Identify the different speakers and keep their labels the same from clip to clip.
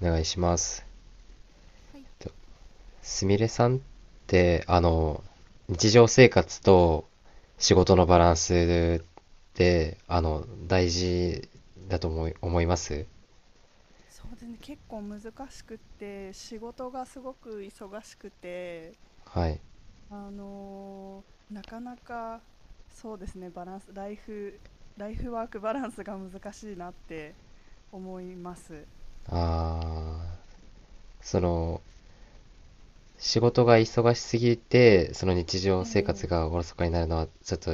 Speaker 1: お願いします。
Speaker 2: はい。
Speaker 1: すみれさんって、日常生活と仕事のバランスって、大事だと思います。
Speaker 2: そうですね、結構難しくって、仕事がすごく忙しくて、
Speaker 1: はい。
Speaker 2: あのなかなか、そうですね、バランス、ライフ、ライフワークバランスが難しいなって思います。
Speaker 1: ああ、その、仕事が忙しすぎて、その日常
Speaker 2: え
Speaker 1: 生活
Speaker 2: え、
Speaker 1: がおろそかになるのはちょっと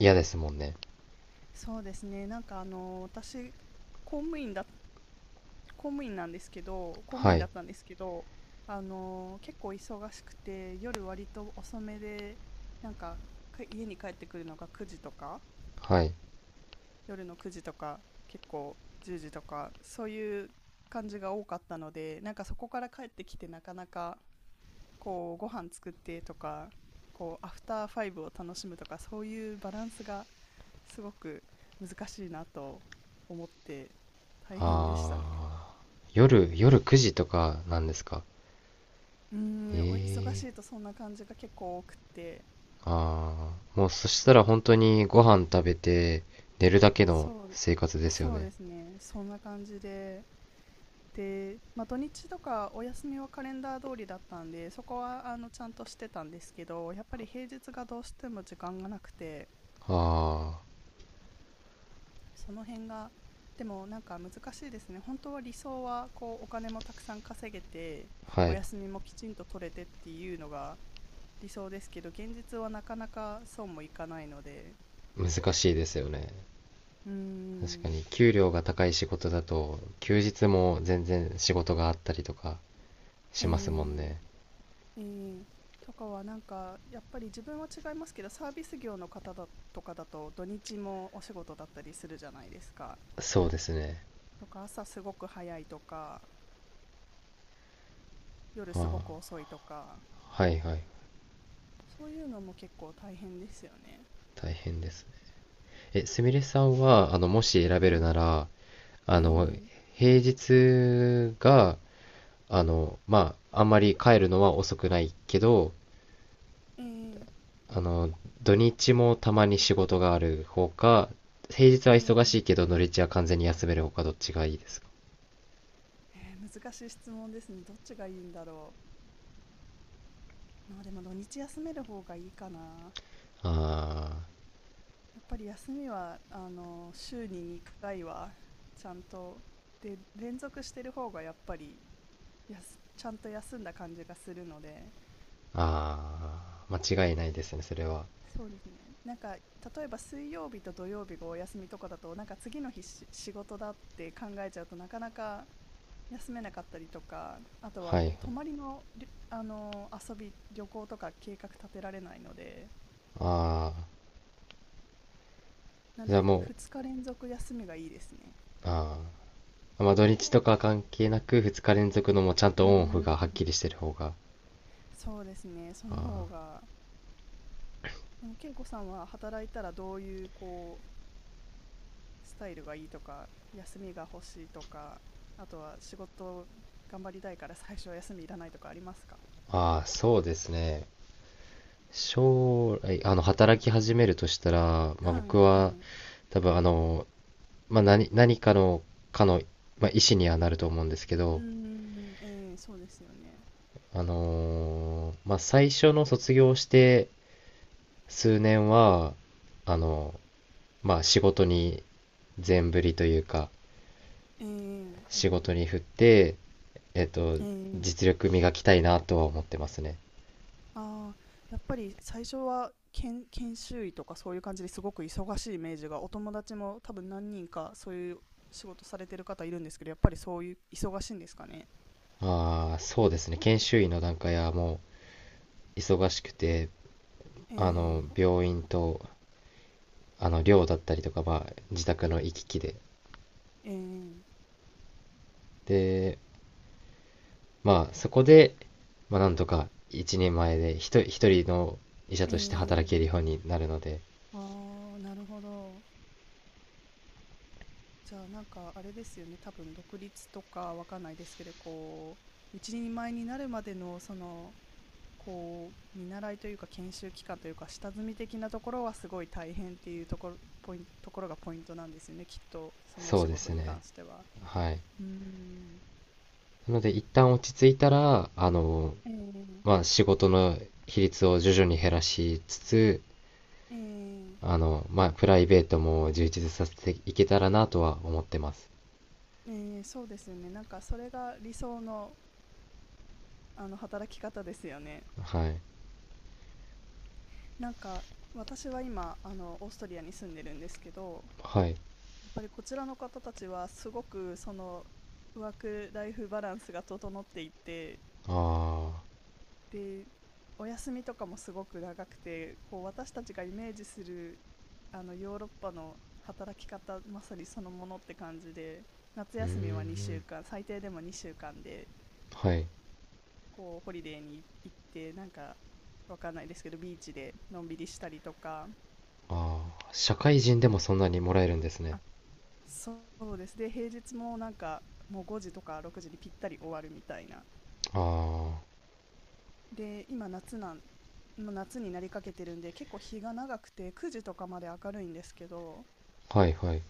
Speaker 1: 嫌ですもんね。
Speaker 2: そうですね、私、公務員だ、公務員なんですけど、公務
Speaker 1: は
Speaker 2: 員だ
Speaker 1: い。
Speaker 2: ったんですけど、結構忙しくて、夜割と遅めで、なんか、家に帰ってくるのが9時とか、
Speaker 1: はい。
Speaker 2: 夜の9時とか、結構10時とか、そういう感じが多かったので、なんかそこから帰ってきて、なかなかこうご飯作ってとか、こうアフターファイブを楽しむとか、そういうバランスがすごく難しいなと思って大変でしたね。
Speaker 1: ああ、夜9時とかなんですか？
Speaker 2: うーん、忙し
Speaker 1: え
Speaker 2: いと
Speaker 1: ー。
Speaker 2: そんな感じが結構多くて。
Speaker 1: ああ、もうそしたら本当にご飯食べて寝るだけの
Speaker 2: そう
Speaker 1: 生活ですよ
Speaker 2: そう
Speaker 1: ね。
Speaker 2: ですねそんな感じで。で、まあ、土日とかお休みはカレンダー通りだったんで、そこはあのちゃんとしてたんですけど、やっぱり平日がどうしても時間がなくて、
Speaker 1: あ
Speaker 2: その辺が。でもなんか難しいですね。本当は理想はこうお金もたくさん稼げて、
Speaker 1: あ、は
Speaker 2: お
Speaker 1: い。
Speaker 2: 休みもきちんと取れてっていうのが理想ですけど、現実はなかなかそうもいかないので。
Speaker 1: 難しいですよね。
Speaker 2: うー
Speaker 1: 確か
Speaker 2: ん。
Speaker 1: に、給料が高い仕事だと、休日も全然仕事があったりとか
Speaker 2: え
Speaker 1: しますもん
Speaker 2: ー、
Speaker 1: ね。
Speaker 2: うん、とかはなんかやっぱり自分は違いますけど、サービス業の方だとかだと土日もお仕事だったりするじゃないですか。
Speaker 1: そうですね。
Speaker 2: とか朝すごく早いとか夜すごく
Speaker 1: あ
Speaker 2: 遅いとか、
Speaker 1: あ、はいはい。
Speaker 2: そういうのも結構大変ですよね。
Speaker 1: 大変です。すみれさんは、もし選べ
Speaker 2: は
Speaker 1: る
Speaker 2: い。
Speaker 1: なら、
Speaker 2: え
Speaker 1: あの、
Speaker 2: ー、
Speaker 1: 平日が、まあ、あんまり帰るのは遅くないけど、
Speaker 2: えー、
Speaker 1: あの、土日もたまに仕事がある方か、平日
Speaker 2: え
Speaker 1: は忙しい
Speaker 2: ー、
Speaker 1: けど土日は完全に休める方かどっちがいいですか？
Speaker 2: えー、難しい質問ですね。どっちがいいんだろう。まあでも土日休める方がいいかな。
Speaker 1: あ
Speaker 2: やっぱり休みは、あの、週に2回はちゃんとで連続してる方が、やっぱりちゃんと休んだ感じがするので。
Speaker 1: ー、あー、間違いないですね、それは。
Speaker 2: そうですね、なんか例えば水曜日と土曜日がお休みとかだと、なんか次の日仕事だって考えちゃうと、なかなか休めなかったりとか、あとは
Speaker 1: はいは
Speaker 2: こ
Speaker 1: い。
Speaker 2: う泊まりのあの遊び旅行とか計画立てられないので。
Speaker 1: ああ、
Speaker 2: な
Speaker 1: じ
Speaker 2: の
Speaker 1: ゃあ
Speaker 2: で
Speaker 1: もう、
Speaker 2: 2日連続休みがいいですね。
Speaker 1: ああ、まあ土日とか関係なく2日連続のもうちゃん
Speaker 2: う
Speaker 1: とオンオフがはっ
Speaker 2: ん、
Speaker 1: きりしてる方が。
Speaker 2: そうですね、その
Speaker 1: あ
Speaker 2: 方
Speaker 1: あ、
Speaker 2: が。でも健子さんは働いたらどういうこうスタイルがいいとか、休みが欲しいとか、あとは仕事頑張りたいから 最初は休みいらないとかありますか？
Speaker 1: ああ、そうですね。将来、働き始めるとしたら、まあ
Speaker 2: は
Speaker 1: 僕
Speaker 2: いは
Speaker 1: は
Speaker 2: い。
Speaker 1: 多分まあ、何かの、かの、まあ、意思にはなると思うんですけ
Speaker 2: うー
Speaker 1: ど、
Speaker 2: ん、えーそうですよね。
Speaker 1: まあ、最初の卒業して数年は、あの、まあ、仕事に全振りというか、
Speaker 2: ええ、え
Speaker 1: 仕事に振って、えっと、
Speaker 2: ー、
Speaker 1: 実力磨きたいなとは思ってますね。
Speaker 2: ああ、やっぱり最初は研修医とかそういう感じですごく忙しいイメージが、お友達も多分何人かそういう仕事されてる方いるんですけど、やっぱりそういう忙しいんですかね。
Speaker 1: ああ、そうですね。研修医の段階はもう忙しくて、
Speaker 2: ええ、
Speaker 1: 病院と、寮だったりとか、まあ、自宅の行き来で、
Speaker 2: ええ、
Speaker 1: で、まあ、そこで、まあ、なんとか一人前で一人の医者
Speaker 2: え
Speaker 1: として働けるよ
Speaker 2: え。
Speaker 1: うになるので、
Speaker 2: ああ、なるほど。じゃあなんかあれですよね。多分独立とかわかんないですけど、こう、一人前になるまでの、その、こう、見習いというか研修期間というか、下積み的なところはすごい大変っていうところ、ポイン、ところがポイントなんですよね。きっと、そのお
Speaker 1: そ
Speaker 2: 仕
Speaker 1: うで
Speaker 2: 事
Speaker 1: す
Speaker 2: に
Speaker 1: ね。
Speaker 2: 関しては。
Speaker 1: はい。
Speaker 2: うーん。
Speaker 1: なので、一旦落ち着いたら、
Speaker 2: えー、
Speaker 1: まあ、仕事の比率を徐々に減らしつつ、
Speaker 2: えー、
Speaker 1: まあ、プライベートも充実させていけたらなとは思ってます。
Speaker 2: えーそうですよね。なんかそれが理想の、あの働き方ですよね。
Speaker 1: はい。
Speaker 2: なんか私は今あのオーストリアに住んでるんですけど、
Speaker 1: はい。
Speaker 2: やっぱりこちらの方たちはすごくそのワークライフバランスが整っていて、
Speaker 1: ああ、
Speaker 2: でお休みとかもすごく長くて、こう私たちがイメージするあのヨーロッパの働き方まさにそのものって感じで、夏
Speaker 1: うー
Speaker 2: 休み
Speaker 1: ん。
Speaker 2: は2週間、最低でも2週間で、
Speaker 1: はい。
Speaker 2: こうホリデーに行って、なんかわかんないですけどビーチでのんびりしたりとか。
Speaker 1: ああ、社会人でも
Speaker 2: で、
Speaker 1: そんなにもらえるんですね。
Speaker 2: あ、そうです、で平日もなんかもう5時とか6時にぴったり終わるみたいな。
Speaker 1: あ
Speaker 2: で今夏なんもう夏になりかけてるんで、結構日が長くて9時とかまで明るいんですけど、
Speaker 1: あ、はいはい。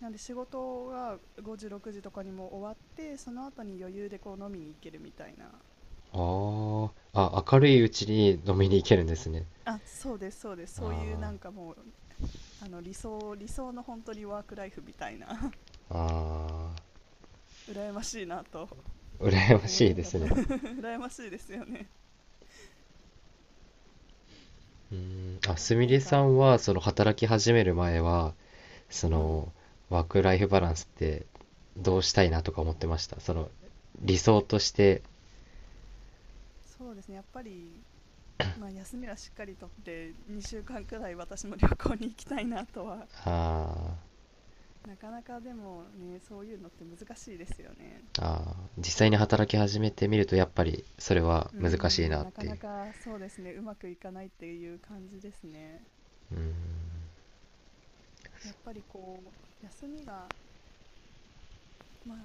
Speaker 2: なんで仕事が5時6時とかにも終わって、その後に余裕でこう飲みに行けるみたいな。
Speaker 1: ああ、あ、明るいうちに飲みに行けるんですね。
Speaker 2: あ、そうです、そうです、そういうなん
Speaker 1: あ
Speaker 2: かもう、あの理想の本当にワークライフみたいな
Speaker 1: あ、あ
Speaker 2: 羨ましいなと
Speaker 1: あ、羨ま
Speaker 2: 思い
Speaker 1: しい
Speaker 2: な
Speaker 1: で
Speaker 2: がら
Speaker 1: す ね。
Speaker 2: 羨ましいですよね。
Speaker 1: うーん、あ、すみ
Speaker 2: な
Speaker 1: れ
Speaker 2: ん
Speaker 1: さ
Speaker 2: か、
Speaker 1: んは、その働き始める前は、そ
Speaker 2: うん、
Speaker 1: の、ワークライフバランスってどうしたいなとか思ってました？理想として。
Speaker 2: そうですね、やっぱりまあ休みはしっかりとって2週間くらい私も旅行に行きたいなとは。
Speaker 1: あ
Speaker 2: なかなかでもね、そういうのって難しいですよね。
Speaker 1: ー、あー、あ、実際に働き始めてみると、やっぱり、それは
Speaker 2: うー
Speaker 1: 難しいな
Speaker 2: ん、
Speaker 1: っ
Speaker 2: なか
Speaker 1: てい
Speaker 2: な
Speaker 1: う。
Speaker 2: かそうですね、うまくいかないっていう感じですね。
Speaker 1: うん、
Speaker 2: やっぱりこう、休みが、まあ、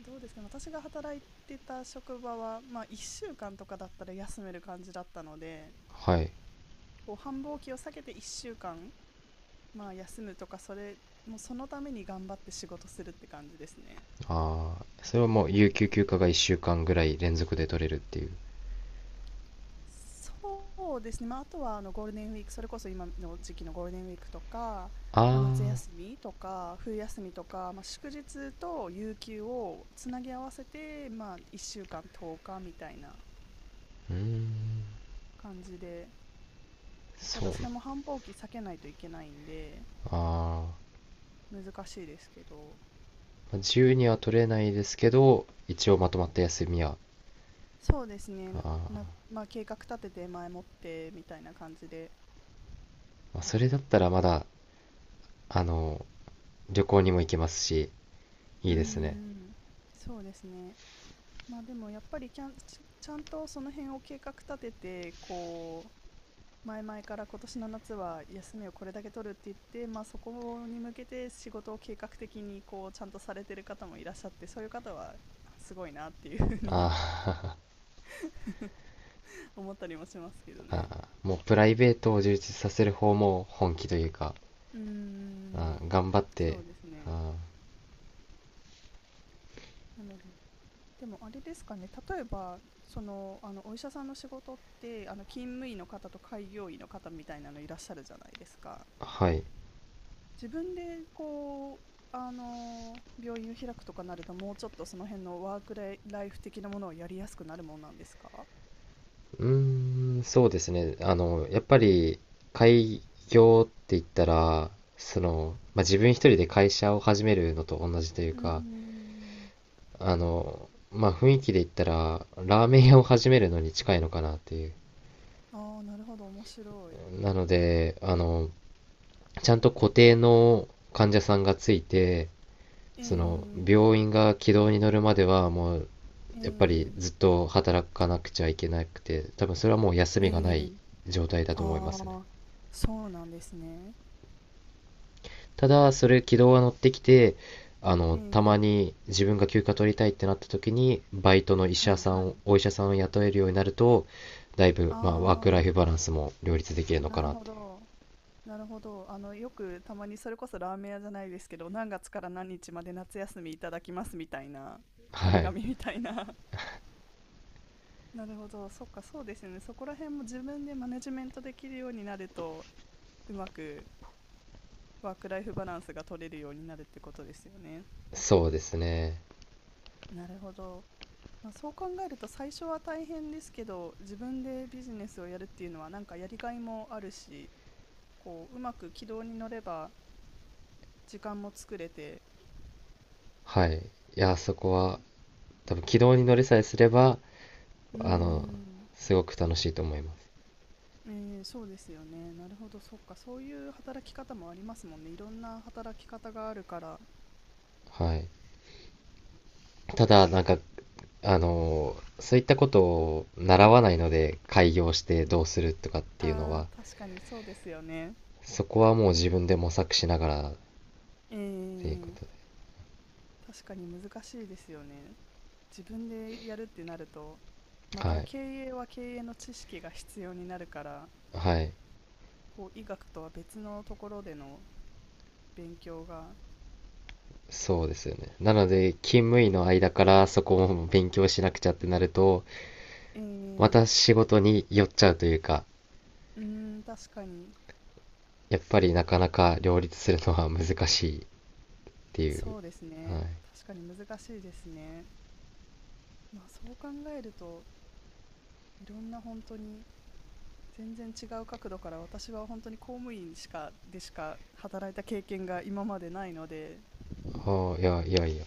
Speaker 2: どうですかね、私が働いてた職場は、まあ、1週間とかだったら休める感じだったので、
Speaker 1: はい。
Speaker 2: こう、繁忙期を避けて1週間、まあ、休むとか、それ、もうそのために頑張って仕事するって感じですね。
Speaker 1: ああ、それはもう、有給休暇が1週間ぐらい連続で取れるっていう。
Speaker 2: そうですね、まあ、あとはあのゴールデンウィーク、それこそ今の時期のゴールデンウィークとか、
Speaker 1: あ
Speaker 2: まあ、夏休
Speaker 1: あ、
Speaker 2: みとか、冬休みとか、まあ、祝日と有給をつなぎ合わせて、まあ、1週間10日みたいな
Speaker 1: うーん、
Speaker 2: 感じで。た
Speaker 1: そう
Speaker 2: だ
Speaker 1: な。
Speaker 2: それも繁忙期避けないといけないんで、
Speaker 1: あー、
Speaker 2: 難しいですけど、
Speaker 1: まあ、自由には取れないですけど、一応まとまった休みは。
Speaker 2: そうです
Speaker 1: あ
Speaker 2: ね、な、
Speaker 1: ー、
Speaker 2: まあ、計画立てて前もってみたいな感じで。
Speaker 1: まあ、それだったらまだ、あの、旅行にも行けますし、い
Speaker 2: うー
Speaker 1: いですね。
Speaker 2: ん、そうですね。まあでもやっぱりちゃんとその辺を計画立てて、こう前々から今年の夏は休みをこれだけ取るって言って、まあ、そこに向けて仕事を計画的にこうちゃんとされてる方もいらっしゃって、そういう方はすごいなっていうふうに
Speaker 1: あ
Speaker 2: 思ったりもしますけど
Speaker 1: ー、
Speaker 2: ね。
Speaker 1: あー、もうプライベートを充実させる方も本気というか、
Speaker 2: うー
Speaker 1: あ
Speaker 2: ん、
Speaker 1: ー頑張って、
Speaker 2: そうですね。
Speaker 1: あ
Speaker 2: なので、でもあれですかね、例えばそのあのお医者さんの仕事って、あの勤務医の方と開業医の方みたいなのいらっしゃるじゃないですか。
Speaker 1: ー、はい。
Speaker 2: 自分でこうあの病院を開くとかなると、もうちょっとその辺のワークライフ的なものをやりやすくなるもんなんですか？
Speaker 1: うーん、そうですね。やっぱり、開業って言ったら、まあ、自分一人で会社を始めるのと同じという
Speaker 2: うー
Speaker 1: か、
Speaker 2: ん。
Speaker 1: まあ、雰囲気で言ったら、ラーメン屋を始めるのに近いのかなっていう。
Speaker 2: ああ、なるほど、面白い。
Speaker 1: なので、ちゃんと固定の患者さんがついて、
Speaker 2: ええ、
Speaker 1: 病院が軌道に乗るまでは、もう、
Speaker 2: え
Speaker 1: やっぱり
Speaker 2: え、
Speaker 1: ずっと働かなくちゃいけなくて、多分それはもう休
Speaker 2: え
Speaker 1: みがない
Speaker 2: ー、
Speaker 1: 状態だと思いますね。
Speaker 2: ああ、そうなんですね。
Speaker 1: ただ、それ軌道が乗ってきて、
Speaker 2: え
Speaker 1: たま
Speaker 2: え、
Speaker 1: に自分が休暇取りたいってなった時に、バイトの医
Speaker 2: は
Speaker 1: 者
Speaker 2: い
Speaker 1: さん
Speaker 2: は
Speaker 1: を、
Speaker 2: い。
Speaker 1: お医者さんを雇えるようになると、だいぶ、
Speaker 2: あ
Speaker 1: まあ、ワークライ
Speaker 2: あ、
Speaker 1: フバランスも両立できるのか
Speaker 2: なる
Speaker 1: なっ
Speaker 2: ほ
Speaker 1: ていう。
Speaker 2: ど。なるほど。あの、よくたまにそれこそラーメン屋じゃないですけど、何月から何日まで夏休みいただきますみたいな、張
Speaker 1: は
Speaker 2: り
Speaker 1: い。
Speaker 2: 紙みたいな。なるほど、そっか、そうですよね。そこら辺も自分でマネジメントできるようになると、うまくワークライフバランスが取れるようになるってことですよね。
Speaker 1: そうですね。
Speaker 2: なるほど。まあ、そう考えると最初は大変ですけど、自分でビジネスをやるっていうのはなんかやりがいもあるし、こう、うまく軌道に乗れば時間も作れて。
Speaker 1: はい。いや、そこは、多分軌道に乗れさえすれば、
Speaker 2: うー
Speaker 1: あの、
Speaker 2: ん、
Speaker 1: すごく楽しいと思います。
Speaker 2: えーそうですよね。なるほど、そっか、そういう働き方もありますもんね。いろんな働き方があるから。
Speaker 1: はい。ただ、なんか、そういったことを習わないので、開業してどうするとかっていうの
Speaker 2: ああ、
Speaker 1: は、
Speaker 2: 確かにそうですよね。
Speaker 1: そこはもう自分で模索しながらっ
Speaker 2: え
Speaker 1: ていうこと
Speaker 2: え、
Speaker 1: で。
Speaker 2: 確かに難しいですよね。自分でやるってなると、ま
Speaker 1: は
Speaker 2: た
Speaker 1: い。
Speaker 2: 経営は経営の知識が必要になるから、
Speaker 1: はい。
Speaker 2: こう医学とは別のところでの勉強が。
Speaker 1: そうですよね。なので、勤務
Speaker 2: う
Speaker 1: 医の
Speaker 2: ん、
Speaker 1: 間からそこも勉強しなくちゃってなると、ま
Speaker 2: え
Speaker 1: た
Speaker 2: え、
Speaker 1: 仕事に寄っちゃうというか、
Speaker 2: うーん、確かに、
Speaker 1: やっぱりなかなか両立するのは難しいっていう。
Speaker 2: そうです
Speaker 1: は
Speaker 2: ね。
Speaker 1: い。
Speaker 2: 確かに難しいですね。まあそう考えると、いろんな本当に全然違う角度から。私は本当に公務員しか働いた経験が今までないので、
Speaker 1: ああ、いや、いやいや。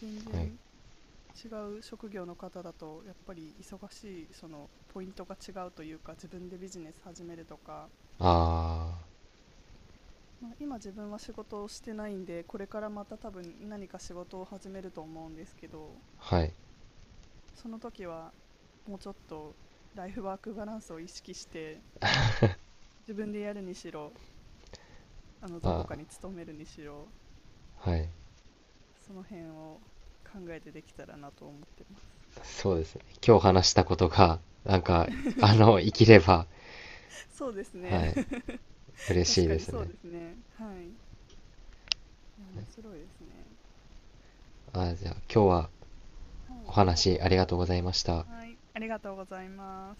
Speaker 2: 全
Speaker 1: はい。
Speaker 2: 然違う職業の方だとやっぱり忙しいそのポイントが違うというか、自分でビジネス始めるとか、
Speaker 1: あ
Speaker 2: まあ、今自分は仕事をしてないんで、これからまた多分何か仕事を始めると思うんですけど、
Speaker 1: あ、はい。
Speaker 2: その時はもうちょっとライフワークバランスを意識して、自分でやるにしろ、あのどこ
Speaker 1: あ
Speaker 2: か
Speaker 1: あ、
Speaker 2: に勤めるにしろ、
Speaker 1: はい。
Speaker 2: その辺を考えてできたらなと思ってます。
Speaker 1: そうですね。今日話したことが、なんか、生きれば、
Speaker 2: そうですね。
Speaker 1: はい。嬉し
Speaker 2: 確
Speaker 1: い
Speaker 2: か
Speaker 1: で
Speaker 2: に
Speaker 1: す
Speaker 2: そう
Speaker 1: ね。
Speaker 2: ですね。はい、いや面白いですね。
Speaker 1: ああ、じゃあ今日は、
Speaker 2: は
Speaker 1: お
Speaker 2: い、ありがと
Speaker 1: 話
Speaker 2: う
Speaker 1: あ
Speaker 2: ご
Speaker 1: り
Speaker 2: ざ
Speaker 1: がとう
Speaker 2: い
Speaker 1: ござい
Speaker 2: ま
Speaker 1: ま
Speaker 2: す。
Speaker 1: した。
Speaker 2: はい、ありがとうございます。